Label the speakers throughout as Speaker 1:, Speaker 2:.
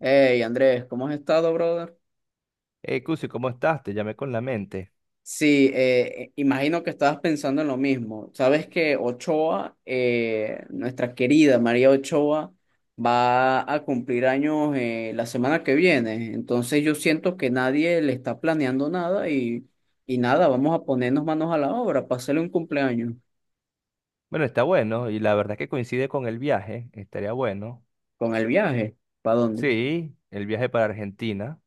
Speaker 1: Hey Andrés, ¿cómo has estado, brother?
Speaker 2: Hey, Cusi, ¿cómo estás? Te llamé con la mente.
Speaker 1: Sí, imagino que estabas pensando en lo mismo. Sabes que Ochoa, nuestra querida María Ochoa, va a cumplir años la semana que viene. Entonces yo siento que nadie le está planeando nada y nada, vamos a ponernos manos a la obra para hacerle un cumpleaños
Speaker 2: Bueno, está bueno, y la verdad es que coincide con el viaje, estaría bueno.
Speaker 1: con el viaje. ¿Para dónde?
Speaker 2: Sí, el viaje para Argentina.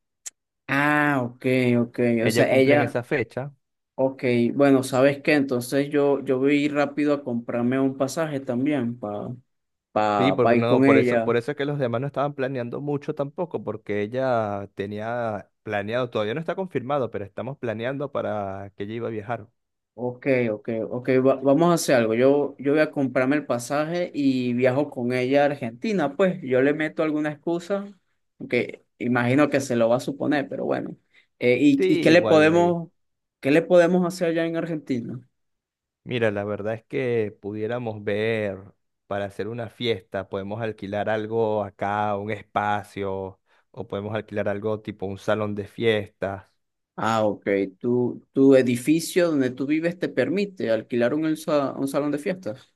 Speaker 1: Ah, ok, ok. O
Speaker 2: Ella
Speaker 1: sea,
Speaker 2: cumple en
Speaker 1: ella.
Speaker 2: esa fecha.
Speaker 1: Ok, bueno, ¿sabes qué? Entonces yo voy a ir rápido a comprarme un pasaje también para
Speaker 2: Sí,
Speaker 1: pa, pa pa
Speaker 2: porque
Speaker 1: ir con
Speaker 2: no, por
Speaker 1: ella.
Speaker 2: eso es que los demás no estaban planeando mucho tampoco, porque ella tenía planeado, todavía no está confirmado, pero estamos planeando para que ella iba a viajar.
Speaker 1: Ok, ok, ok, vamos a hacer algo. Yo voy a comprarme el pasaje y viajo con ella a Argentina. Pues yo le meto alguna excusa, aunque imagino que se lo va a suponer, pero bueno. Eh, ¿y,
Speaker 2: Sí,
Speaker 1: y qué le
Speaker 2: igual ahí.
Speaker 1: podemos, hacer allá en Argentina?
Speaker 2: Mira, la verdad es que pudiéramos ver para hacer una fiesta, podemos alquilar algo acá, un espacio, o podemos alquilar algo tipo un salón de fiestas.
Speaker 1: Ah, ok, tu edificio donde tú vives te permite alquilar un salón de fiestas.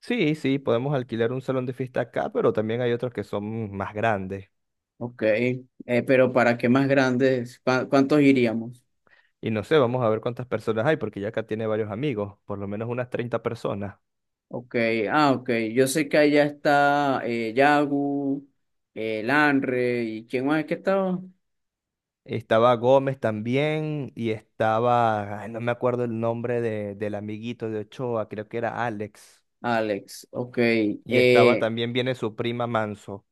Speaker 2: Sí, sí, podemos alquilar un salón de fiesta acá, pero también hay otros que son más grandes.
Speaker 1: Ok, pero ¿para qué más grandes? ¿Cuántos iríamos?
Speaker 2: Y no sé, vamos a ver cuántas personas hay, porque ya acá tiene varios amigos, por lo menos unas 30 personas.
Speaker 1: Ok, ah, ok, yo sé que allá está Yagu, Lanre, ¿y quién más es que estaba?
Speaker 2: Estaba Gómez también y estaba, ay, no me acuerdo el nombre de, del amiguito de Ochoa, creo que era Alex.
Speaker 1: Alex, ok.
Speaker 2: Y estaba
Speaker 1: eh,
Speaker 2: también, viene su prima Manso.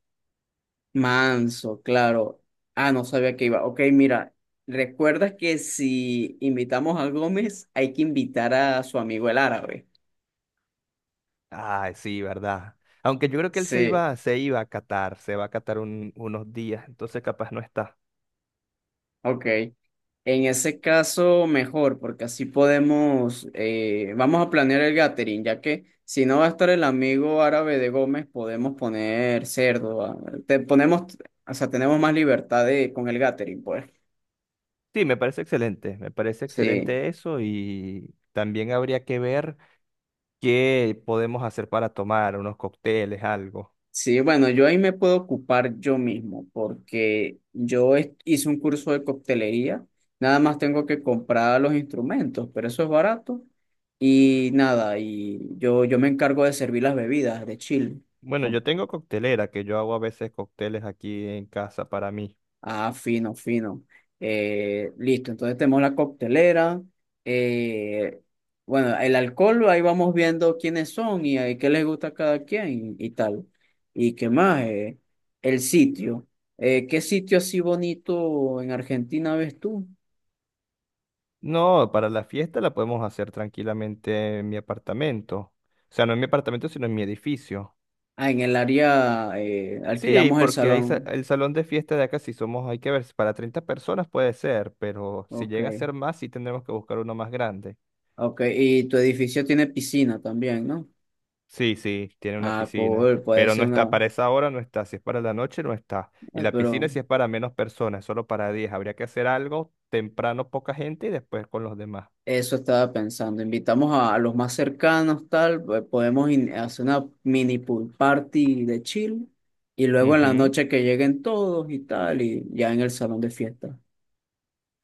Speaker 1: Manso, claro. Ah, no sabía que iba. Ok, mira, recuerda que si invitamos a Gómez hay que invitar a su amigo el árabe.
Speaker 2: Ay, sí, ¿verdad? Aunque yo creo que él
Speaker 1: Sí.
Speaker 2: se iba a Qatar, se va a Qatar unos días, entonces capaz no está.
Speaker 1: Ok, en ese caso mejor, porque así podemos, vamos a planear el gathering, ya que si no va a estar el amigo árabe de Gómez, podemos poner cerdo, ah, te ponemos, o sea, tenemos más libertad de, con el gathering, pues.
Speaker 2: Sí, me parece excelente,
Speaker 1: Sí.
Speaker 2: eso y también habría que ver qué podemos hacer para tomar, unos cócteles, algo.
Speaker 1: Sí, bueno, yo ahí me puedo ocupar yo mismo porque hice un curso de coctelería, nada más tengo que comprar los instrumentos, pero eso es barato y nada, y yo me encargo de servir las bebidas de chill.
Speaker 2: Bueno, yo tengo coctelera, que yo hago a veces cócteles aquí en casa para mí.
Speaker 1: Ah, fino, fino. Listo, entonces tenemos la coctelera. eh, bueno, el alcohol, ahí vamos viendo quiénes son y, qué les gusta a cada quien y, tal. ¿Y qué más? El sitio. ¿Qué sitio así bonito en Argentina ves tú?
Speaker 2: No, para la fiesta la podemos hacer tranquilamente en mi apartamento. O sea, no en mi apartamento, sino en mi edificio.
Speaker 1: Ah, en el área
Speaker 2: Sí,
Speaker 1: alquilamos el
Speaker 2: porque
Speaker 1: salón.
Speaker 2: el salón de fiesta de acá, si somos, hay que ver, si para 30 personas puede ser, pero si
Speaker 1: Ok,
Speaker 2: llega a ser más, sí tendremos que buscar uno más grande.
Speaker 1: ok. Y tu edificio tiene piscina también, ¿no?
Speaker 2: Sí, sí, tiene una
Speaker 1: Ah,
Speaker 2: piscina,
Speaker 1: cool, puede
Speaker 2: pero
Speaker 1: ser
Speaker 2: no está,
Speaker 1: una,
Speaker 2: para esa hora no está, si es para la noche no está. Y
Speaker 1: ah,
Speaker 2: la piscina
Speaker 1: pero.
Speaker 2: si es para menos personas, solo para 10. Habría que hacer algo temprano, poca gente y después con los demás.
Speaker 1: Eso estaba pensando. Invitamos a los más cercanos, tal, pues, podemos hacer una mini pool party de chill. Y luego en la
Speaker 2: Ujú.
Speaker 1: noche que lleguen todos y tal, y ya en el salón de fiesta.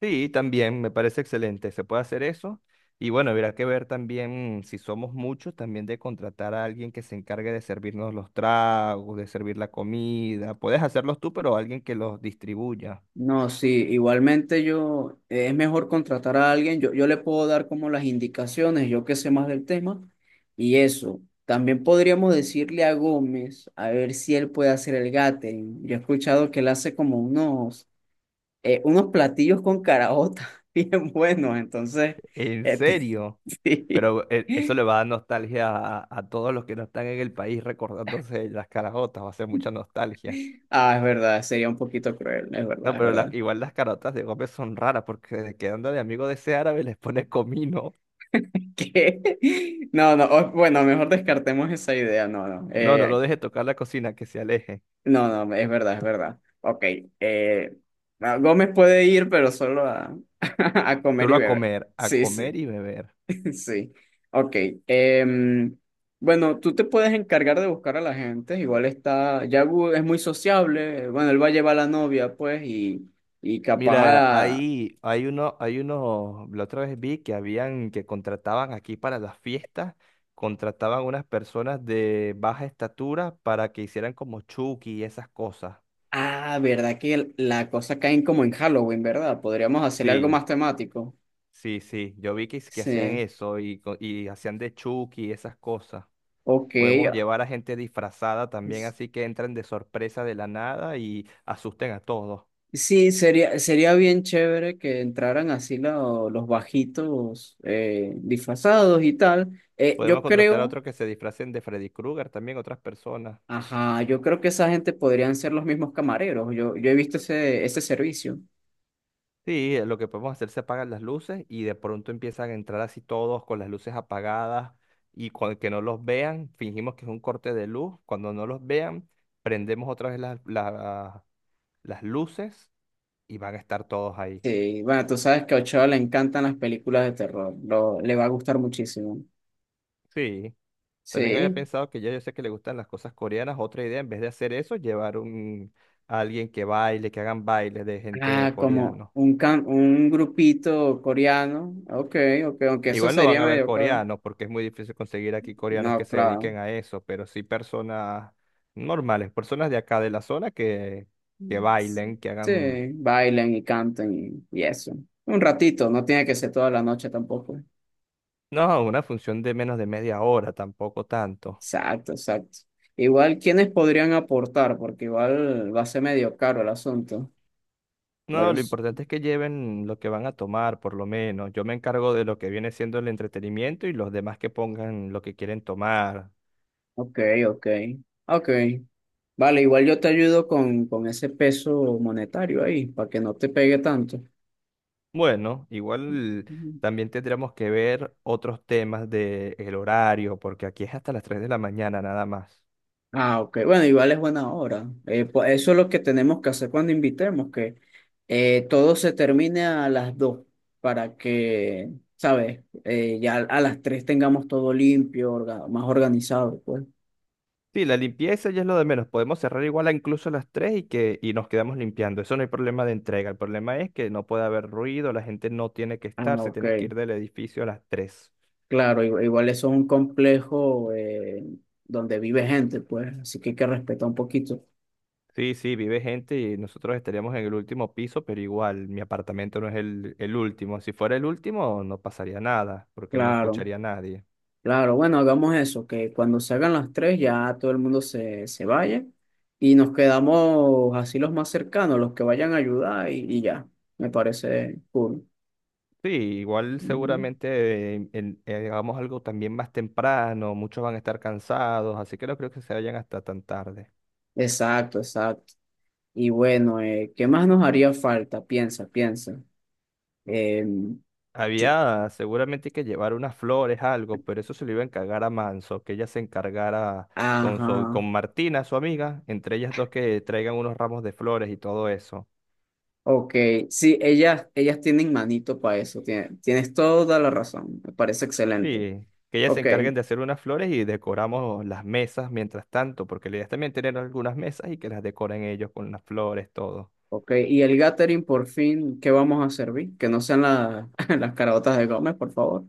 Speaker 2: Sí, también me parece excelente. Se puede hacer eso. Y bueno, habrá que ver también si somos muchos, también de contratar a alguien que se encargue de servirnos los tragos, de servir la comida. Puedes hacerlos tú, pero alguien que los distribuya.
Speaker 1: No, sí, igualmente yo, es mejor contratar a alguien, yo le puedo dar como las indicaciones, yo que sé más del tema, y eso. También podríamos decirle a Gómez, a ver si él puede hacer el gathering. Yo he escuchado que él hace como unos platillos con caraota bien buenos, entonces,
Speaker 2: ¿En
Speaker 1: este,
Speaker 2: serio? Pero eso
Speaker 1: sí.
Speaker 2: le va a dar nostalgia a todos los que no están en el país recordándose de las carajotas. Va a ser mucha nostalgia.
Speaker 1: Ah, es verdad, sería un poquito cruel, es
Speaker 2: No,
Speaker 1: verdad, es verdad.
Speaker 2: igual las carajotas de Gómez son raras porque quedando de amigo de ese árabe les pone comino.
Speaker 1: ¿Qué? No, no, bueno, mejor descartemos esa idea, no, no,
Speaker 2: No, no lo deje tocar la cocina, que se aleje.
Speaker 1: no, no, es verdad, es verdad. Ok, eh, no, Gómez puede ir, pero solo a, a comer
Speaker 2: Solo
Speaker 1: y beber.
Speaker 2: a
Speaker 1: Sí, sí.
Speaker 2: comer y beber.
Speaker 1: Sí, ok. Em, bueno, tú te puedes encargar de buscar a la gente, igual está, Yagu es muy sociable, bueno, él va a llevar a la novia, pues, y
Speaker 2: Mira,
Speaker 1: capaz a...
Speaker 2: ahí hay uno, hay unos, la otra vez vi que habían, que contrataban aquí para las fiestas, contrataban unas personas de baja estatura para que hicieran como Chucky y esas cosas.
Speaker 1: Ah, ¿verdad que la cosa cae como en Halloween? ¿Verdad? Podríamos hacerle algo
Speaker 2: Sí,
Speaker 1: más temático.
Speaker 2: sí, sí. Yo vi que, que hacían
Speaker 1: Sí,
Speaker 2: eso y, y hacían de Chucky y esas cosas.
Speaker 1: ok.
Speaker 2: Podemos llevar a gente disfrazada también,
Speaker 1: Es-
Speaker 2: así que entran de sorpresa de la nada y asusten a todos.
Speaker 1: Sí, sería bien chévere que entraran así los bajitos disfrazados y tal.
Speaker 2: Podemos
Speaker 1: Yo
Speaker 2: contratar a
Speaker 1: creo...
Speaker 2: otros que se disfracen de Freddy Krueger también, otras personas.
Speaker 1: Ajá, yo creo que esa gente podrían ser los mismos camareros. Yo he visto ese servicio.
Speaker 2: Sí, lo que podemos hacer se apagan las luces y de pronto empiezan a entrar así todos con las luces apagadas y con que no los vean, fingimos que es un corte de luz. Cuando no los vean, prendemos otra vez las luces y van a estar todos ahí.
Speaker 1: Sí, bueno, tú sabes que a Ochoa le encantan las películas de terror. Le va a gustar muchísimo.
Speaker 2: Sí, también había
Speaker 1: Sí.
Speaker 2: pensado que ya yo sé que le gustan las cosas coreanas. Otra idea, en vez de hacer eso, a alguien que baile, que hagan bailes de gente de
Speaker 1: Ah, como
Speaker 2: coreano.
Speaker 1: un grupito coreano. Ok, ok, aunque eso
Speaker 2: Igual no van
Speaker 1: sería
Speaker 2: a haber
Speaker 1: medio caro.
Speaker 2: coreanos, porque es muy difícil conseguir aquí coreanos que
Speaker 1: No,
Speaker 2: se
Speaker 1: claro.
Speaker 2: dediquen a eso, pero sí personas normales, personas de acá de la zona que bailen, que
Speaker 1: Sí,
Speaker 2: hagan,
Speaker 1: bailen y canten y eso. Un ratito, no tiene que ser toda la noche tampoco.
Speaker 2: no, una función de menos de media hora, tampoco tanto.
Speaker 1: Exacto, exacto. Igual, ¿quiénes podrían aportar? Porque igual va a ser medio caro el asunto. Pero
Speaker 2: No, lo
Speaker 1: es-
Speaker 2: importante es que lleven lo que van a tomar, por lo menos. Yo me encargo de lo que viene siendo el entretenimiento y los demás que pongan lo que quieren tomar.
Speaker 1: ok, ok, ok. Vale, igual yo te ayudo con ese peso monetario ahí, para que no te pegue tanto.
Speaker 2: Bueno, igual
Speaker 1: Ujú.
Speaker 2: también tendremos que ver otros temas del horario, porque aquí es hasta las 3 de la mañana nada más.
Speaker 1: Ah, ok. Bueno, igual es buena hora. Pues eso es lo que tenemos que hacer cuando invitemos, que todo se termine a las 2 para que, ¿sabes? Ya a las 3 tengamos todo limpio, más organizado, pues.
Speaker 2: Sí, la limpieza ya es lo de menos. Podemos cerrar igual a incluso a las 3 y, que, y nos quedamos limpiando. Eso no hay problema de entrega. El problema es que no puede haber ruido, la gente no tiene que estar,
Speaker 1: Ah,
Speaker 2: se
Speaker 1: ok.
Speaker 2: tiene que ir del edificio a las 3.
Speaker 1: Claro, igual eso es un complejo donde vive gente, pues, así que hay que respetar un poquito.
Speaker 2: Sí, sí, vive gente y nosotros estaríamos en el último piso, pero igual mi apartamento no es el último. Si fuera el último, no pasaría nada, porque no
Speaker 1: Claro,
Speaker 2: escucharía a nadie.
Speaker 1: claro, bueno, hagamos eso, que cuando se hagan las tres ya todo el mundo se vaya y nos quedamos así los más cercanos, los que vayan a ayudar y ya, me parece cool.
Speaker 2: Sí, igual
Speaker 1: Ujú.
Speaker 2: seguramente hagamos algo también más temprano, muchos van a estar cansados, así que no creo que se vayan hasta tan tarde.
Speaker 1: Exacto, exacto. Y bueno, ¿qué más nos haría falta? Piensa, piensa. Em, yo-
Speaker 2: Había seguramente que llevar unas flores, algo, pero eso se lo iba a encargar a Manso, que ella se encargara con,
Speaker 1: ajá.
Speaker 2: con Martina, su amiga, entre ellas dos que traigan unos ramos de flores y todo eso.
Speaker 1: Ok, sí, ellas tienen manito para eso, tienes toda la razón, me parece excelente.
Speaker 2: Sí, que ellas se
Speaker 1: Ok,
Speaker 2: encarguen de hacer unas flores y decoramos las mesas mientras tanto, porque la idea es también tener algunas mesas y que las decoren ellos con las flores, todo.
Speaker 1: ok, y el gathering por fin, ¿qué vamos a servir? Que no sean las caraotas de Gómez, por favor.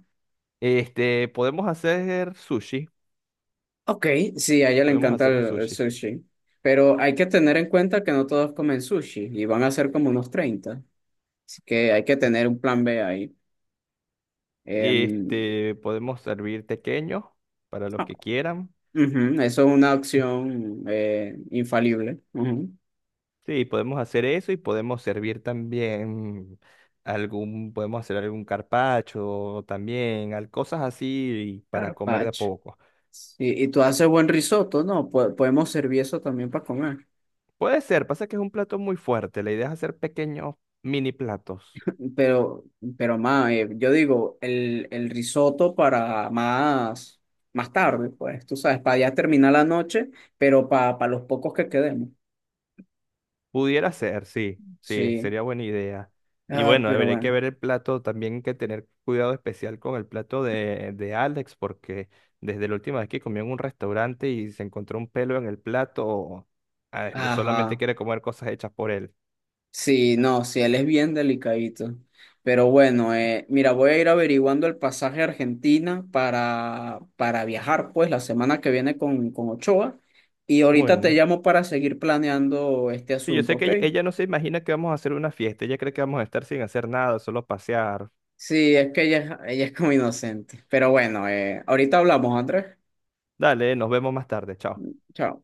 Speaker 2: Este, podemos hacer sushi,
Speaker 1: Ok, sí, a ella le
Speaker 2: podemos
Speaker 1: encanta
Speaker 2: hacer un
Speaker 1: el
Speaker 2: sushi.
Speaker 1: sushi, pero hay que tener en cuenta que no todos comen sushi y van a ser como unos 30, así que hay que tener un plan B ahí. Em,
Speaker 2: Este, podemos servir pequeños para los
Speaker 1: ah,
Speaker 2: que quieran.
Speaker 1: ujú, eso es una opción infalible. Ujú.
Speaker 2: Sí, podemos hacer eso y podemos servir también algún, podemos hacer algún carpacho también, cosas así para comer de a
Speaker 1: Carpaccio.
Speaker 2: poco.
Speaker 1: Y tú haces buen risotto, ¿no? Podemos servir eso también para comer.
Speaker 2: Puede ser, pasa que es un plato muy fuerte, la idea es hacer pequeños mini platos.
Speaker 1: Pero, pero más, yo digo, el risotto para más, más tarde, pues, tú sabes, para ya terminar la noche, pero para los pocos que quedemos.
Speaker 2: Pudiera ser, sí, sí,
Speaker 1: Sí.
Speaker 2: sería buena idea. Y
Speaker 1: Ah,
Speaker 2: bueno,
Speaker 1: pero
Speaker 2: habría que
Speaker 1: bueno.
Speaker 2: ver el plato, también hay que tener cuidado especial con el plato de Alex, porque desde la última vez que comió en un restaurante y se encontró un pelo en el plato, ah, no solamente
Speaker 1: Ajá.
Speaker 2: quiere comer cosas hechas por él.
Speaker 1: Sí, no, sí, él es bien delicadito. Pero bueno, mira, voy a ir averiguando el pasaje a Argentina para viajar, pues, la semana que viene con Ochoa. Y ahorita te
Speaker 2: Bueno,
Speaker 1: llamo para seguir planeando este
Speaker 2: sí, yo
Speaker 1: asunto,
Speaker 2: sé que
Speaker 1: ¿ok?
Speaker 2: ella no se imagina que vamos a hacer una fiesta, ella cree que vamos a estar sin hacer nada, solo pasear.
Speaker 1: Sí, es que ella, ella es como inocente. Pero bueno, ahorita hablamos, Andrés.
Speaker 2: Dale, nos vemos más tarde, chao.
Speaker 1: Chao.